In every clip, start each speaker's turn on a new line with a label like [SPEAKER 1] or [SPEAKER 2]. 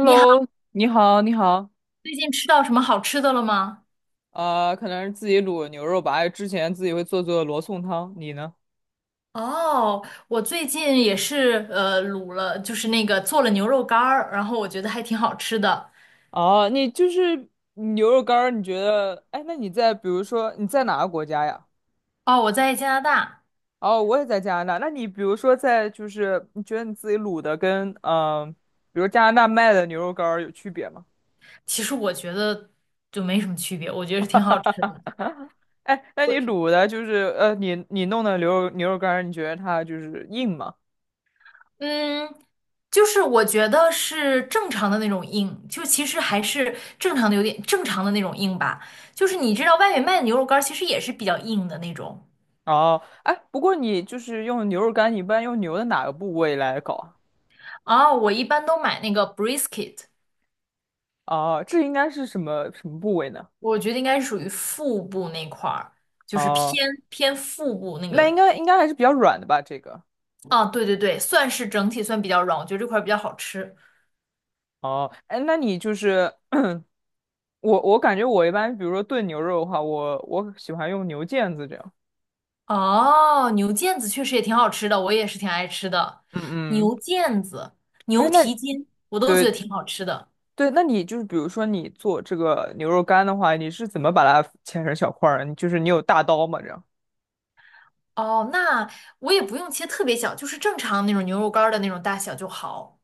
[SPEAKER 1] 你好，
[SPEAKER 2] 你好，你好，
[SPEAKER 1] 最近吃到什么好吃的了吗？
[SPEAKER 2] 可能是自己卤牛肉吧，之前自己会做做罗宋汤，你呢？
[SPEAKER 1] 哦，我最近也是卤了，就是那个做了牛肉干儿，然后我觉得还挺好吃的。
[SPEAKER 2] 哦，你就是牛肉干儿，你觉得，哎，那你在比如说你在哪个国家呀？
[SPEAKER 1] 哦，我在加拿大，
[SPEAKER 2] 哦，我也在加拿大。那你比如说在就是你觉得你自己卤的跟呃比如加拿大卖的牛肉干儿有区别吗？
[SPEAKER 1] 其实我觉得就没什么区别，我觉得是挺好吃的。
[SPEAKER 2] 哎，那你
[SPEAKER 1] 我
[SPEAKER 2] 卤的就是你弄的牛肉干儿你觉得它就是硬吗？
[SPEAKER 1] 嗯，就是我觉得是正常的那种硬，就其实还是正常的正常的那种硬吧。就是你知道外面卖的牛肉干儿其实也是比较硬的那种。
[SPEAKER 2] 哦，哎，不过你就是用牛肉干，你一般用牛的哪个部位来搞啊？
[SPEAKER 1] 哦，我一般都买那个 brisket。
[SPEAKER 2] 哦，这应该是什么什么部位呢？
[SPEAKER 1] 我觉得应该是属于腹部那块儿，就是
[SPEAKER 2] 哦，
[SPEAKER 1] 偏腹部那
[SPEAKER 2] 那应
[SPEAKER 1] 个。
[SPEAKER 2] 该应该还是比较软的吧？这个。
[SPEAKER 1] 啊，对对对，算是整体算比较软，我觉得这块儿比较好吃。
[SPEAKER 2] 哦，哎，那你就是我，我感觉我一般，比如说炖牛肉的话，我喜欢用牛腱子这样。
[SPEAKER 1] 哦，牛腱子确实也挺好吃的，我也是挺爱吃的。
[SPEAKER 2] 嗯嗯，
[SPEAKER 1] 牛腱子、
[SPEAKER 2] 哎，
[SPEAKER 1] 牛
[SPEAKER 2] 那
[SPEAKER 1] 蹄筋，我都觉得
[SPEAKER 2] 对
[SPEAKER 1] 挺好吃的。
[SPEAKER 2] 对，那你就是比如说你做这个牛肉干的话，你是怎么把它切成小块儿？你就是你有大刀吗？这样？
[SPEAKER 1] 哦，那我也不用切特别小，就是正常那种牛肉干儿的那种大小就好。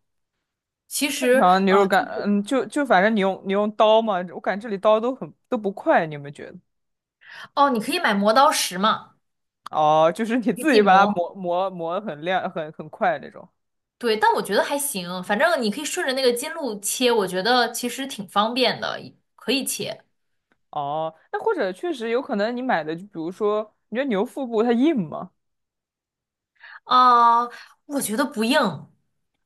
[SPEAKER 1] 其实，
[SPEAKER 2] 然后牛肉干，
[SPEAKER 1] 就是
[SPEAKER 2] 嗯，就反正你用刀嘛，我感觉这里刀都很都不快，你有没有觉得？
[SPEAKER 1] 哦，你可以买磨刀石嘛，
[SPEAKER 2] 哦，就是你
[SPEAKER 1] 你可以自
[SPEAKER 2] 自
[SPEAKER 1] 己
[SPEAKER 2] 己把它
[SPEAKER 1] 磨。
[SPEAKER 2] 磨得很亮，很快那种。
[SPEAKER 1] 对，但我觉得还行，反正你可以顺着那个筋路切，我觉得其实挺方便的，可以切。
[SPEAKER 2] 哦，那或者确实有可能你买的，就比如说，你觉得牛腹部它硬吗？
[SPEAKER 1] 啊、我觉得不硬。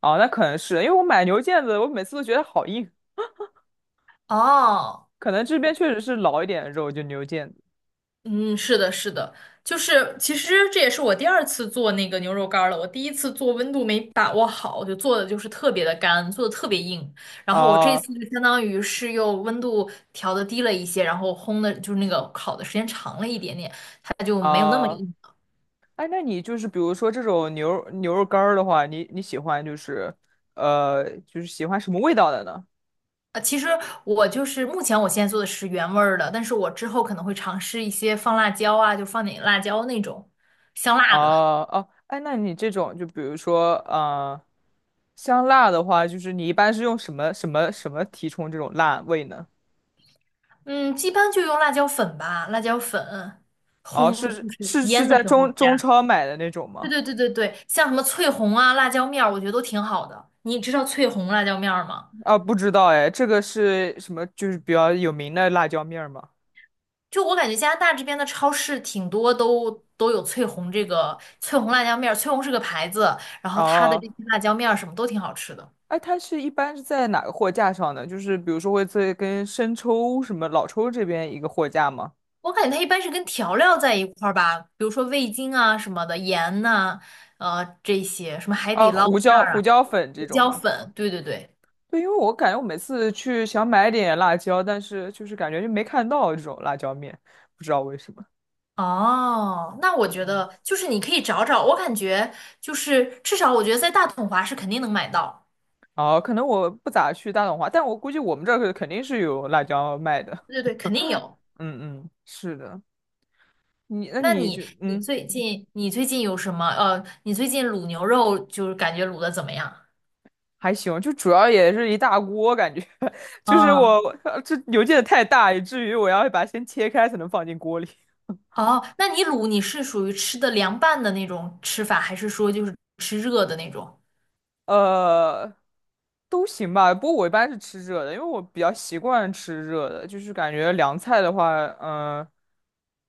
[SPEAKER 2] 哦，那可能是因为我买牛腱子，我每次都觉得好硬，
[SPEAKER 1] 哦，
[SPEAKER 2] 可能这边确实是老一点的肉，就牛腱子。
[SPEAKER 1] 嗯，是的，是的，就是其实这也是我第二次做那个牛肉干儿了。我第一次做温度没把握好，就做的就是特别的干，做的特别硬。然后我这
[SPEAKER 2] 啊
[SPEAKER 1] 次就相当于是又温度调的低了一些，然后烘的就是那个烤的时间长了一点点，它就没有那么
[SPEAKER 2] 啊，
[SPEAKER 1] 硬。
[SPEAKER 2] 哎，那你就是比如说这种牛肉干儿的话，你你喜欢就是就是喜欢什么味道的呢？
[SPEAKER 1] 其实我就是目前我现在做的是原味儿的，但是我之后可能会尝试一些放辣椒啊，就放点辣椒那种香辣的。
[SPEAKER 2] 哦，哎，那你这种就比如说，香辣的话，就是你一般是用什么什么什么提充这种辣味呢？
[SPEAKER 1] 嗯，一般就用辣椒粉吧，辣椒粉
[SPEAKER 2] 哦，
[SPEAKER 1] 烘
[SPEAKER 2] 是
[SPEAKER 1] 就是
[SPEAKER 2] 是是
[SPEAKER 1] 腌的
[SPEAKER 2] 在
[SPEAKER 1] 时候
[SPEAKER 2] 中
[SPEAKER 1] 加。
[SPEAKER 2] 中超买的那种
[SPEAKER 1] 对
[SPEAKER 2] 吗？
[SPEAKER 1] 对对对对，像什么翠红啊、辣椒面儿，我觉得都挺好的。你知道翠红辣椒面儿吗？
[SPEAKER 2] 啊，不知道哎，这个是什么？就是比较有名的辣椒面儿吗？
[SPEAKER 1] 就我感觉加拿大这边的超市挺多都有翠红这个翠红辣椒面儿，翠红是个牌子，然后它的
[SPEAKER 2] 哦，
[SPEAKER 1] 这些辣椒面儿什么都挺好吃的。
[SPEAKER 2] 哎，它是一般是在哪个货架上呢？就是比如说会在跟生抽什么老抽这边一个货架吗？
[SPEAKER 1] 我感觉它一般是跟调料在一块儿吧，比如说味精啊什么的，盐呐、这些，什么海
[SPEAKER 2] 啊，
[SPEAKER 1] 底捞
[SPEAKER 2] 胡
[SPEAKER 1] 面
[SPEAKER 2] 椒
[SPEAKER 1] 儿啊，
[SPEAKER 2] 胡椒粉这
[SPEAKER 1] 胡
[SPEAKER 2] 种
[SPEAKER 1] 椒
[SPEAKER 2] 吗？
[SPEAKER 1] 粉，对对对。
[SPEAKER 2] 对，因为我感觉我每次去想买点辣椒，但是就是感觉就没看到这种辣椒面，不知道为什么。
[SPEAKER 1] 哦，那我
[SPEAKER 2] 嗯
[SPEAKER 1] 觉
[SPEAKER 2] 嗯。
[SPEAKER 1] 得就是你可以找找，我感觉就是至少我觉得在大统华是肯定能买到，
[SPEAKER 2] 哦，可能我不咋去大董华，但我估计我们这儿可肯定是有辣椒卖的。
[SPEAKER 1] 对对对，肯定有。
[SPEAKER 2] 嗯嗯，是的，你那
[SPEAKER 1] 那
[SPEAKER 2] 你就
[SPEAKER 1] 你你
[SPEAKER 2] 嗯
[SPEAKER 1] 最近你最近有什么？你最近卤牛肉就是感觉卤的怎么样？
[SPEAKER 2] 还行，就主要也是一大锅，感觉 就是
[SPEAKER 1] 哦
[SPEAKER 2] 我这邮件太大，以至于我要把它先切开才能放进锅里。
[SPEAKER 1] 哦，那你卤你是属于吃的凉拌的那种吃法，还是说就是吃热的那种？
[SPEAKER 2] 呃，都行吧。不过我一般是吃热的，因为我比较习惯吃热的，就是感觉凉菜的话，嗯、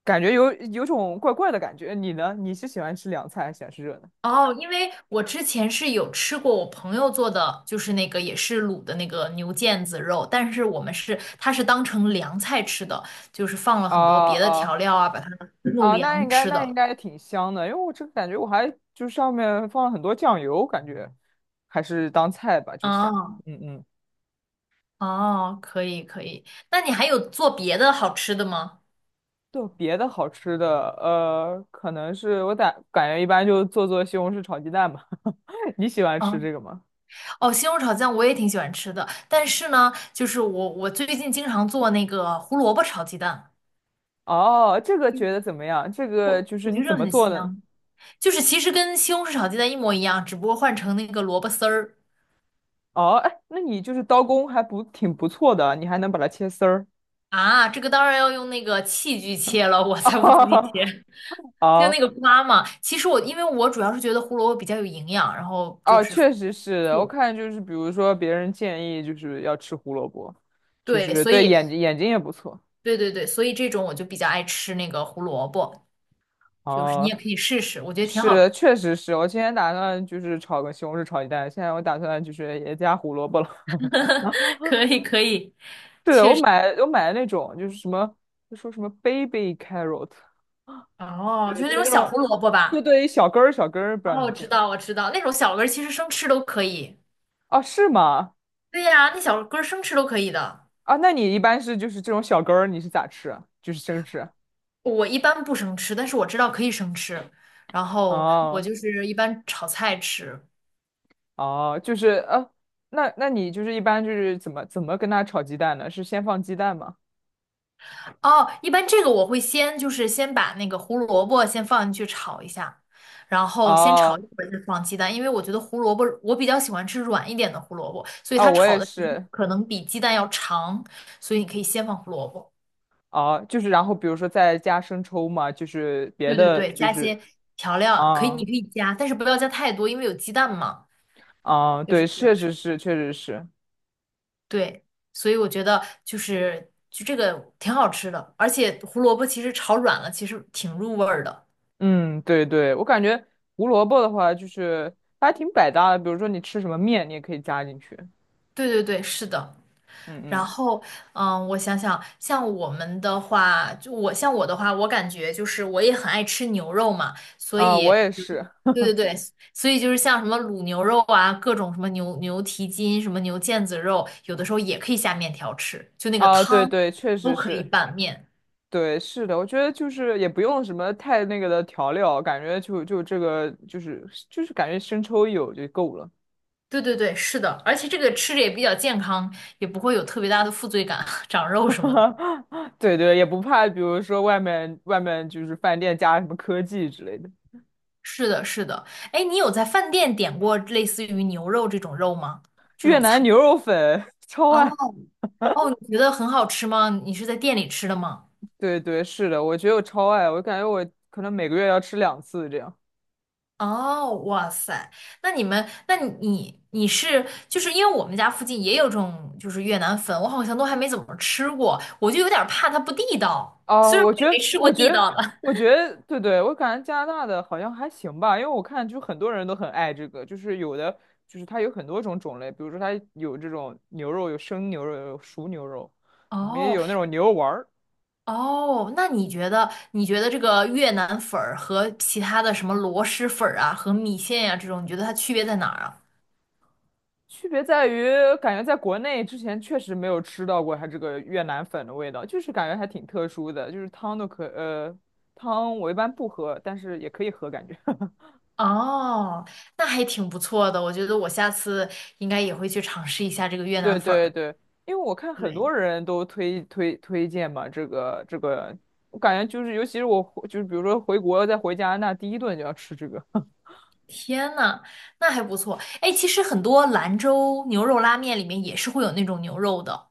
[SPEAKER 2] 感觉有有种怪怪的感觉。你呢？你是喜欢吃凉菜还是喜欢吃热的？
[SPEAKER 1] 哦，因为我之前是有吃过我朋友做的，就是那个也是卤的那个牛腱子肉，但是我们是它是当成凉菜吃的，就是放了
[SPEAKER 2] 啊
[SPEAKER 1] 很多别的
[SPEAKER 2] 啊
[SPEAKER 1] 调料啊，把它弄
[SPEAKER 2] 那
[SPEAKER 1] 凉
[SPEAKER 2] 应该
[SPEAKER 1] 吃
[SPEAKER 2] 那应
[SPEAKER 1] 的。
[SPEAKER 2] 该挺香的，因为我这个感觉我还就上面放了很多酱油，感觉还是当菜吧，就这样。
[SPEAKER 1] 哦
[SPEAKER 2] 嗯嗯。
[SPEAKER 1] 哦，可以可以，那你还有做别的好吃的吗？
[SPEAKER 2] 就别的好吃的，可能是我感觉一般就做做西红柿炒鸡蛋吧。你喜欢吃
[SPEAKER 1] 啊，
[SPEAKER 2] 这个吗？
[SPEAKER 1] 哦，西红柿炒酱我也挺喜欢吃的，但是呢，就是我最近经常做那个胡萝卜炒鸡蛋，
[SPEAKER 2] 哦，这个
[SPEAKER 1] 嗯
[SPEAKER 2] 觉得怎么样？这个
[SPEAKER 1] 我
[SPEAKER 2] 就是
[SPEAKER 1] 我觉
[SPEAKER 2] 你
[SPEAKER 1] 得
[SPEAKER 2] 怎
[SPEAKER 1] 这
[SPEAKER 2] 么
[SPEAKER 1] 很
[SPEAKER 2] 做呢？
[SPEAKER 1] 香。就是其实跟西红柿炒鸡蛋一模一样，只不过换成那个萝卜丝儿
[SPEAKER 2] 哦，哎，那你就是刀工还不挺不错的，你还能把它切丝儿。
[SPEAKER 1] 啊。这个当然要用那个器具切了，我 才不自己
[SPEAKER 2] 哦
[SPEAKER 1] 切，就那
[SPEAKER 2] 哦，
[SPEAKER 1] 个刮嘛。其实我因为我主要是觉得胡萝卜比较有营养，然后就
[SPEAKER 2] 哦
[SPEAKER 1] 是
[SPEAKER 2] 确实是的我
[SPEAKER 1] 素，
[SPEAKER 2] 看就是，比如说别人建议就是要吃胡萝卜，就
[SPEAKER 1] 对，
[SPEAKER 2] 是
[SPEAKER 1] 所
[SPEAKER 2] 对
[SPEAKER 1] 以
[SPEAKER 2] 眼睛也不错。
[SPEAKER 1] 对对对，所以这种我就比较爱吃那个胡萝卜，就是你
[SPEAKER 2] 哦，
[SPEAKER 1] 也可以试试，我觉得挺
[SPEAKER 2] 是
[SPEAKER 1] 好吃，
[SPEAKER 2] 的，确实是。我今天打算就是炒个西红柿炒鸡蛋，现在我打算就是也加胡萝卜了。
[SPEAKER 1] 可以可以。
[SPEAKER 2] 是的我买的那种就是什么，就说什么 baby carrot。
[SPEAKER 1] 哦，
[SPEAKER 2] 对，
[SPEAKER 1] 就是
[SPEAKER 2] 就
[SPEAKER 1] 那
[SPEAKER 2] 是
[SPEAKER 1] 种
[SPEAKER 2] 那
[SPEAKER 1] 小
[SPEAKER 2] 种
[SPEAKER 1] 胡萝卜
[SPEAKER 2] 对
[SPEAKER 1] 吧。
[SPEAKER 2] 对，小根儿，不知道你
[SPEAKER 1] 哦，我
[SPEAKER 2] 们见
[SPEAKER 1] 知
[SPEAKER 2] 没？
[SPEAKER 1] 道我知道，那种小根儿其实生吃都可以。
[SPEAKER 2] 哦，是吗？
[SPEAKER 1] 对呀，那小根儿生吃都可以的。
[SPEAKER 2] 啊，那你一般是就是这种小根儿，你是咋吃啊就是生吃？
[SPEAKER 1] 我一般不生吃，但是我知道可以生吃，然后我
[SPEAKER 2] 哦
[SPEAKER 1] 就是一般炒菜吃。
[SPEAKER 2] 哦，就是那那你就是一般就是怎么跟它炒鸡蛋呢？是先放鸡蛋吗？
[SPEAKER 1] 哦，一般这个我会先就是先把那个胡萝卜先放进去炒一下，然后先炒一
[SPEAKER 2] 哦
[SPEAKER 1] 会儿再放鸡蛋，因为我觉得胡萝卜我比较喜欢吃软一点的胡萝卜，所以
[SPEAKER 2] 哦，
[SPEAKER 1] 它
[SPEAKER 2] 我
[SPEAKER 1] 炒
[SPEAKER 2] 也
[SPEAKER 1] 的时间
[SPEAKER 2] 是。
[SPEAKER 1] 可能比鸡蛋要长，所以你可以先放胡萝卜。
[SPEAKER 2] 哦，就是然后比如说再加生抽嘛，就是别
[SPEAKER 1] 对对
[SPEAKER 2] 的
[SPEAKER 1] 对，
[SPEAKER 2] 就
[SPEAKER 1] 加一
[SPEAKER 2] 是
[SPEAKER 1] 些调料，可以，你
[SPEAKER 2] 啊
[SPEAKER 1] 可以加，但是不要加太多，因为有鸡蛋嘛，就
[SPEAKER 2] 对，
[SPEAKER 1] 是
[SPEAKER 2] 确实是，
[SPEAKER 1] 对，所以我觉得就这个挺好吃的，而且胡萝卜其实炒软了，其实挺入味儿的。
[SPEAKER 2] 嗯，对对，我感觉胡萝卜的话就是它还挺百搭的，比如说你吃什么面，你也可以加进去。
[SPEAKER 1] 对对对，是的。
[SPEAKER 2] 嗯
[SPEAKER 1] 然
[SPEAKER 2] 嗯，
[SPEAKER 1] 后，嗯，我想想，像我的话，我感觉就是我也很爱吃牛肉嘛，所
[SPEAKER 2] 啊，我
[SPEAKER 1] 以，
[SPEAKER 2] 也是，
[SPEAKER 1] 对对对，所以就是像什么卤牛肉啊，各种什么牛蹄筋、什么牛腱子肉，有的时候也可以下面条吃，就那个
[SPEAKER 2] 啊，对
[SPEAKER 1] 汤
[SPEAKER 2] 对，确实
[SPEAKER 1] 都可以
[SPEAKER 2] 是，
[SPEAKER 1] 拌面。
[SPEAKER 2] 对，是的，我觉得就是也不用什么太那个的调料，感觉就这个就是感觉生抽一有就够了，
[SPEAKER 1] 对对对，是的，而且这个吃着也比较健康，也不会有特别大的负罪感，长肉什么的。
[SPEAKER 2] 对对，也不怕，比如说外面就是饭店加什么科技之类的，
[SPEAKER 1] 是的，是的。哎，你有在饭店点过类似于牛肉这种肉吗？这
[SPEAKER 2] 越
[SPEAKER 1] 种菜？
[SPEAKER 2] 南牛肉粉 超
[SPEAKER 1] 哦
[SPEAKER 2] 爱，
[SPEAKER 1] 哦，你觉得很好吃吗？你是在店里吃的吗？
[SPEAKER 2] 对对，是的，我觉得我超爱，我感觉我可能每个月要吃两次这样。
[SPEAKER 1] 哦，哇塞，那你们，那你是就是因为我们家附近也有这种就是越南粉，我好像都还没怎么吃过，我就有点怕它不地道，
[SPEAKER 2] 哦，
[SPEAKER 1] 虽然
[SPEAKER 2] 我
[SPEAKER 1] 我
[SPEAKER 2] 觉
[SPEAKER 1] 也没
[SPEAKER 2] 得，
[SPEAKER 1] 吃过
[SPEAKER 2] 我觉
[SPEAKER 1] 地
[SPEAKER 2] 得，
[SPEAKER 1] 道的。
[SPEAKER 2] 我觉得，对对，我感觉加拿大的好像还行吧，因为我看就很多人都很爱这个，就是有的就是它有很多种类，比如说它有这种牛肉，有生牛肉，有熟牛肉，然后也
[SPEAKER 1] 哦，
[SPEAKER 2] 有那种牛肉丸儿。
[SPEAKER 1] 哦，那你觉得这个越南粉儿和其他的什么螺蛳粉儿啊，和米线呀、这种，你觉得它区别在哪儿啊？
[SPEAKER 2] 区别在于，感觉在国内之前确实没有吃到过它这个越南粉的味道，就是感觉还挺特殊的，就是汤都可，汤我一般不喝，但是也可以喝，感觉。
[SPEAKER 1] 哦，那还挺不错的，我觉得我下次应该也会去尝试一下这个越
[SPEAKER 2] 对
[SPEAKER 1] 南粉
[SPEAKER 2] 对
[SPEAKER 1] 儿。
[SPEAKER 2] 对，因为我看很
[SPEAKER 1] 对，
[SPEAKER 2] 多人都推荐嘛，这个这个，我感觉就是，尤其是我回就是比如说回国再回加拿大，第一顿就要吃这个。
[SPEAKER 1] 天呐，那还不错。哎，其实很多兰州牛肉拉面里面也是会有那种牛肉的。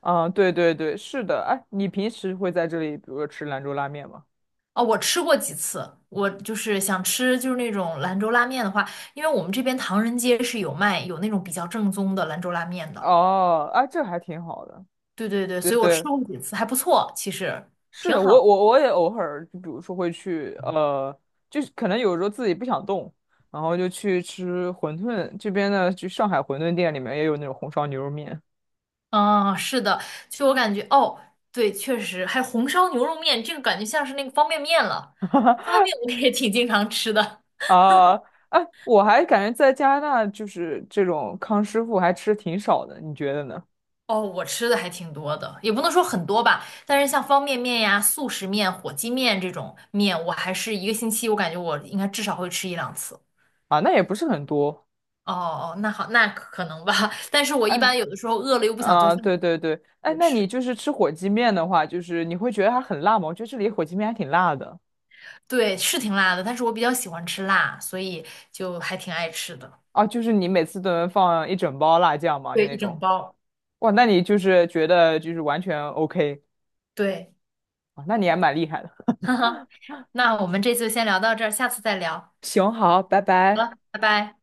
[SPEAKER 2] 啊，对对对，是的。哎，你平时会在这里，比如说吃兰州拉面吗？
[SPEAKER 1] 哦，我吃过几次，我就是想吃就是那种兰州拉面的话，因为我们这边唐人街是有卖有那种比较正宗的兰州拉面的。
[SPEAKER 2] 哦，哎，这还挺好的。
[SPEAKER 1] 对对对，
[SPEAKER 2] 对
[SPEAKER 1] 所以我吃
[SPEAKER 2] 对，
[SPEAKER 1] 过几次，还不错，其实
[SPEAKER 2] 是
[SPEAKER 1] 挺
[SPEAKER 2] 的，
[SPEAKER 1] 好
[SPEAKER 2] 我
[SPEAKER 1] 的。
[SPEAKER 2] 我我也偶尔，就比如说会去，就是可能有时候自己不想动，然后就去吃馄饨。这边呢，就上海馄饨店里面也有那种红烧牛肉面。
[SPEAKER 1] 嗯，是的，就我感觉，哦，对，确实，还有红烧牛肉面，这个感觉像是那个方便面了。方便 面我也挺经常吃的，
[SPEAKER 2] 啊，哎，我还感觉在加拿大就是这种康师傅还吃挺少的，你觉得呢？
[SPEAKER 1] 哦，我吃的还挺多的，也不能说很多吧，但是像方便面呀、速食面、火鸡面这种面，我还是一个星期，我感觉我应该至少会吃一两次。
[SPEAKER 2] 啊，那也不是很多。
[SPEAKER 1] 哦哦，那好，那可能吧，但是我一
[SPEAKER 2] 哎，
[SPEAKER 1] 般有的时候饿了又不想做
[SPEAKER 2] 啊，
[SPEAKER 1] 饭，
[SPEAKER 2] 对对对，哎，
[SPEAKER 1] 会
[SPEAKER 2] 那你
[SPEAKER 1] 吃。
[SPEAKER 2] 就是吃火鸡面的话，就是你会觉得它很辣吗？我觉得这里火鸡面还挺辣的。
[SPEAKER 1] 对，是挺辣的，但是我比较喜欢吃辣，所以就还挺爱吃的，
[SPEAKER 2] 啊，就是你每次都能放一整包辣酱吗？
[SPEAKER 1] 对，
[SPEAKER 2] 那
[SPEAKER 1] 一
[SPEAKER 2] 种。
[SPEAKER 1] 整包。
[SPEAKER 2] 哇，那你就是觉得就是完全 OK
[SPEAKER 1] 对，
[SPEAKER 2] 啊，那你还蛮厉害的。
[SPEAKER 1] 哈哈，那我们这次先聊到这儿，下次再聊。
[SPEAKER 2] 行，好，拜
[SPEAKER 1] 好
[SPEAKER 2] 拜。
[SPEAKER 1] 了，拜拜。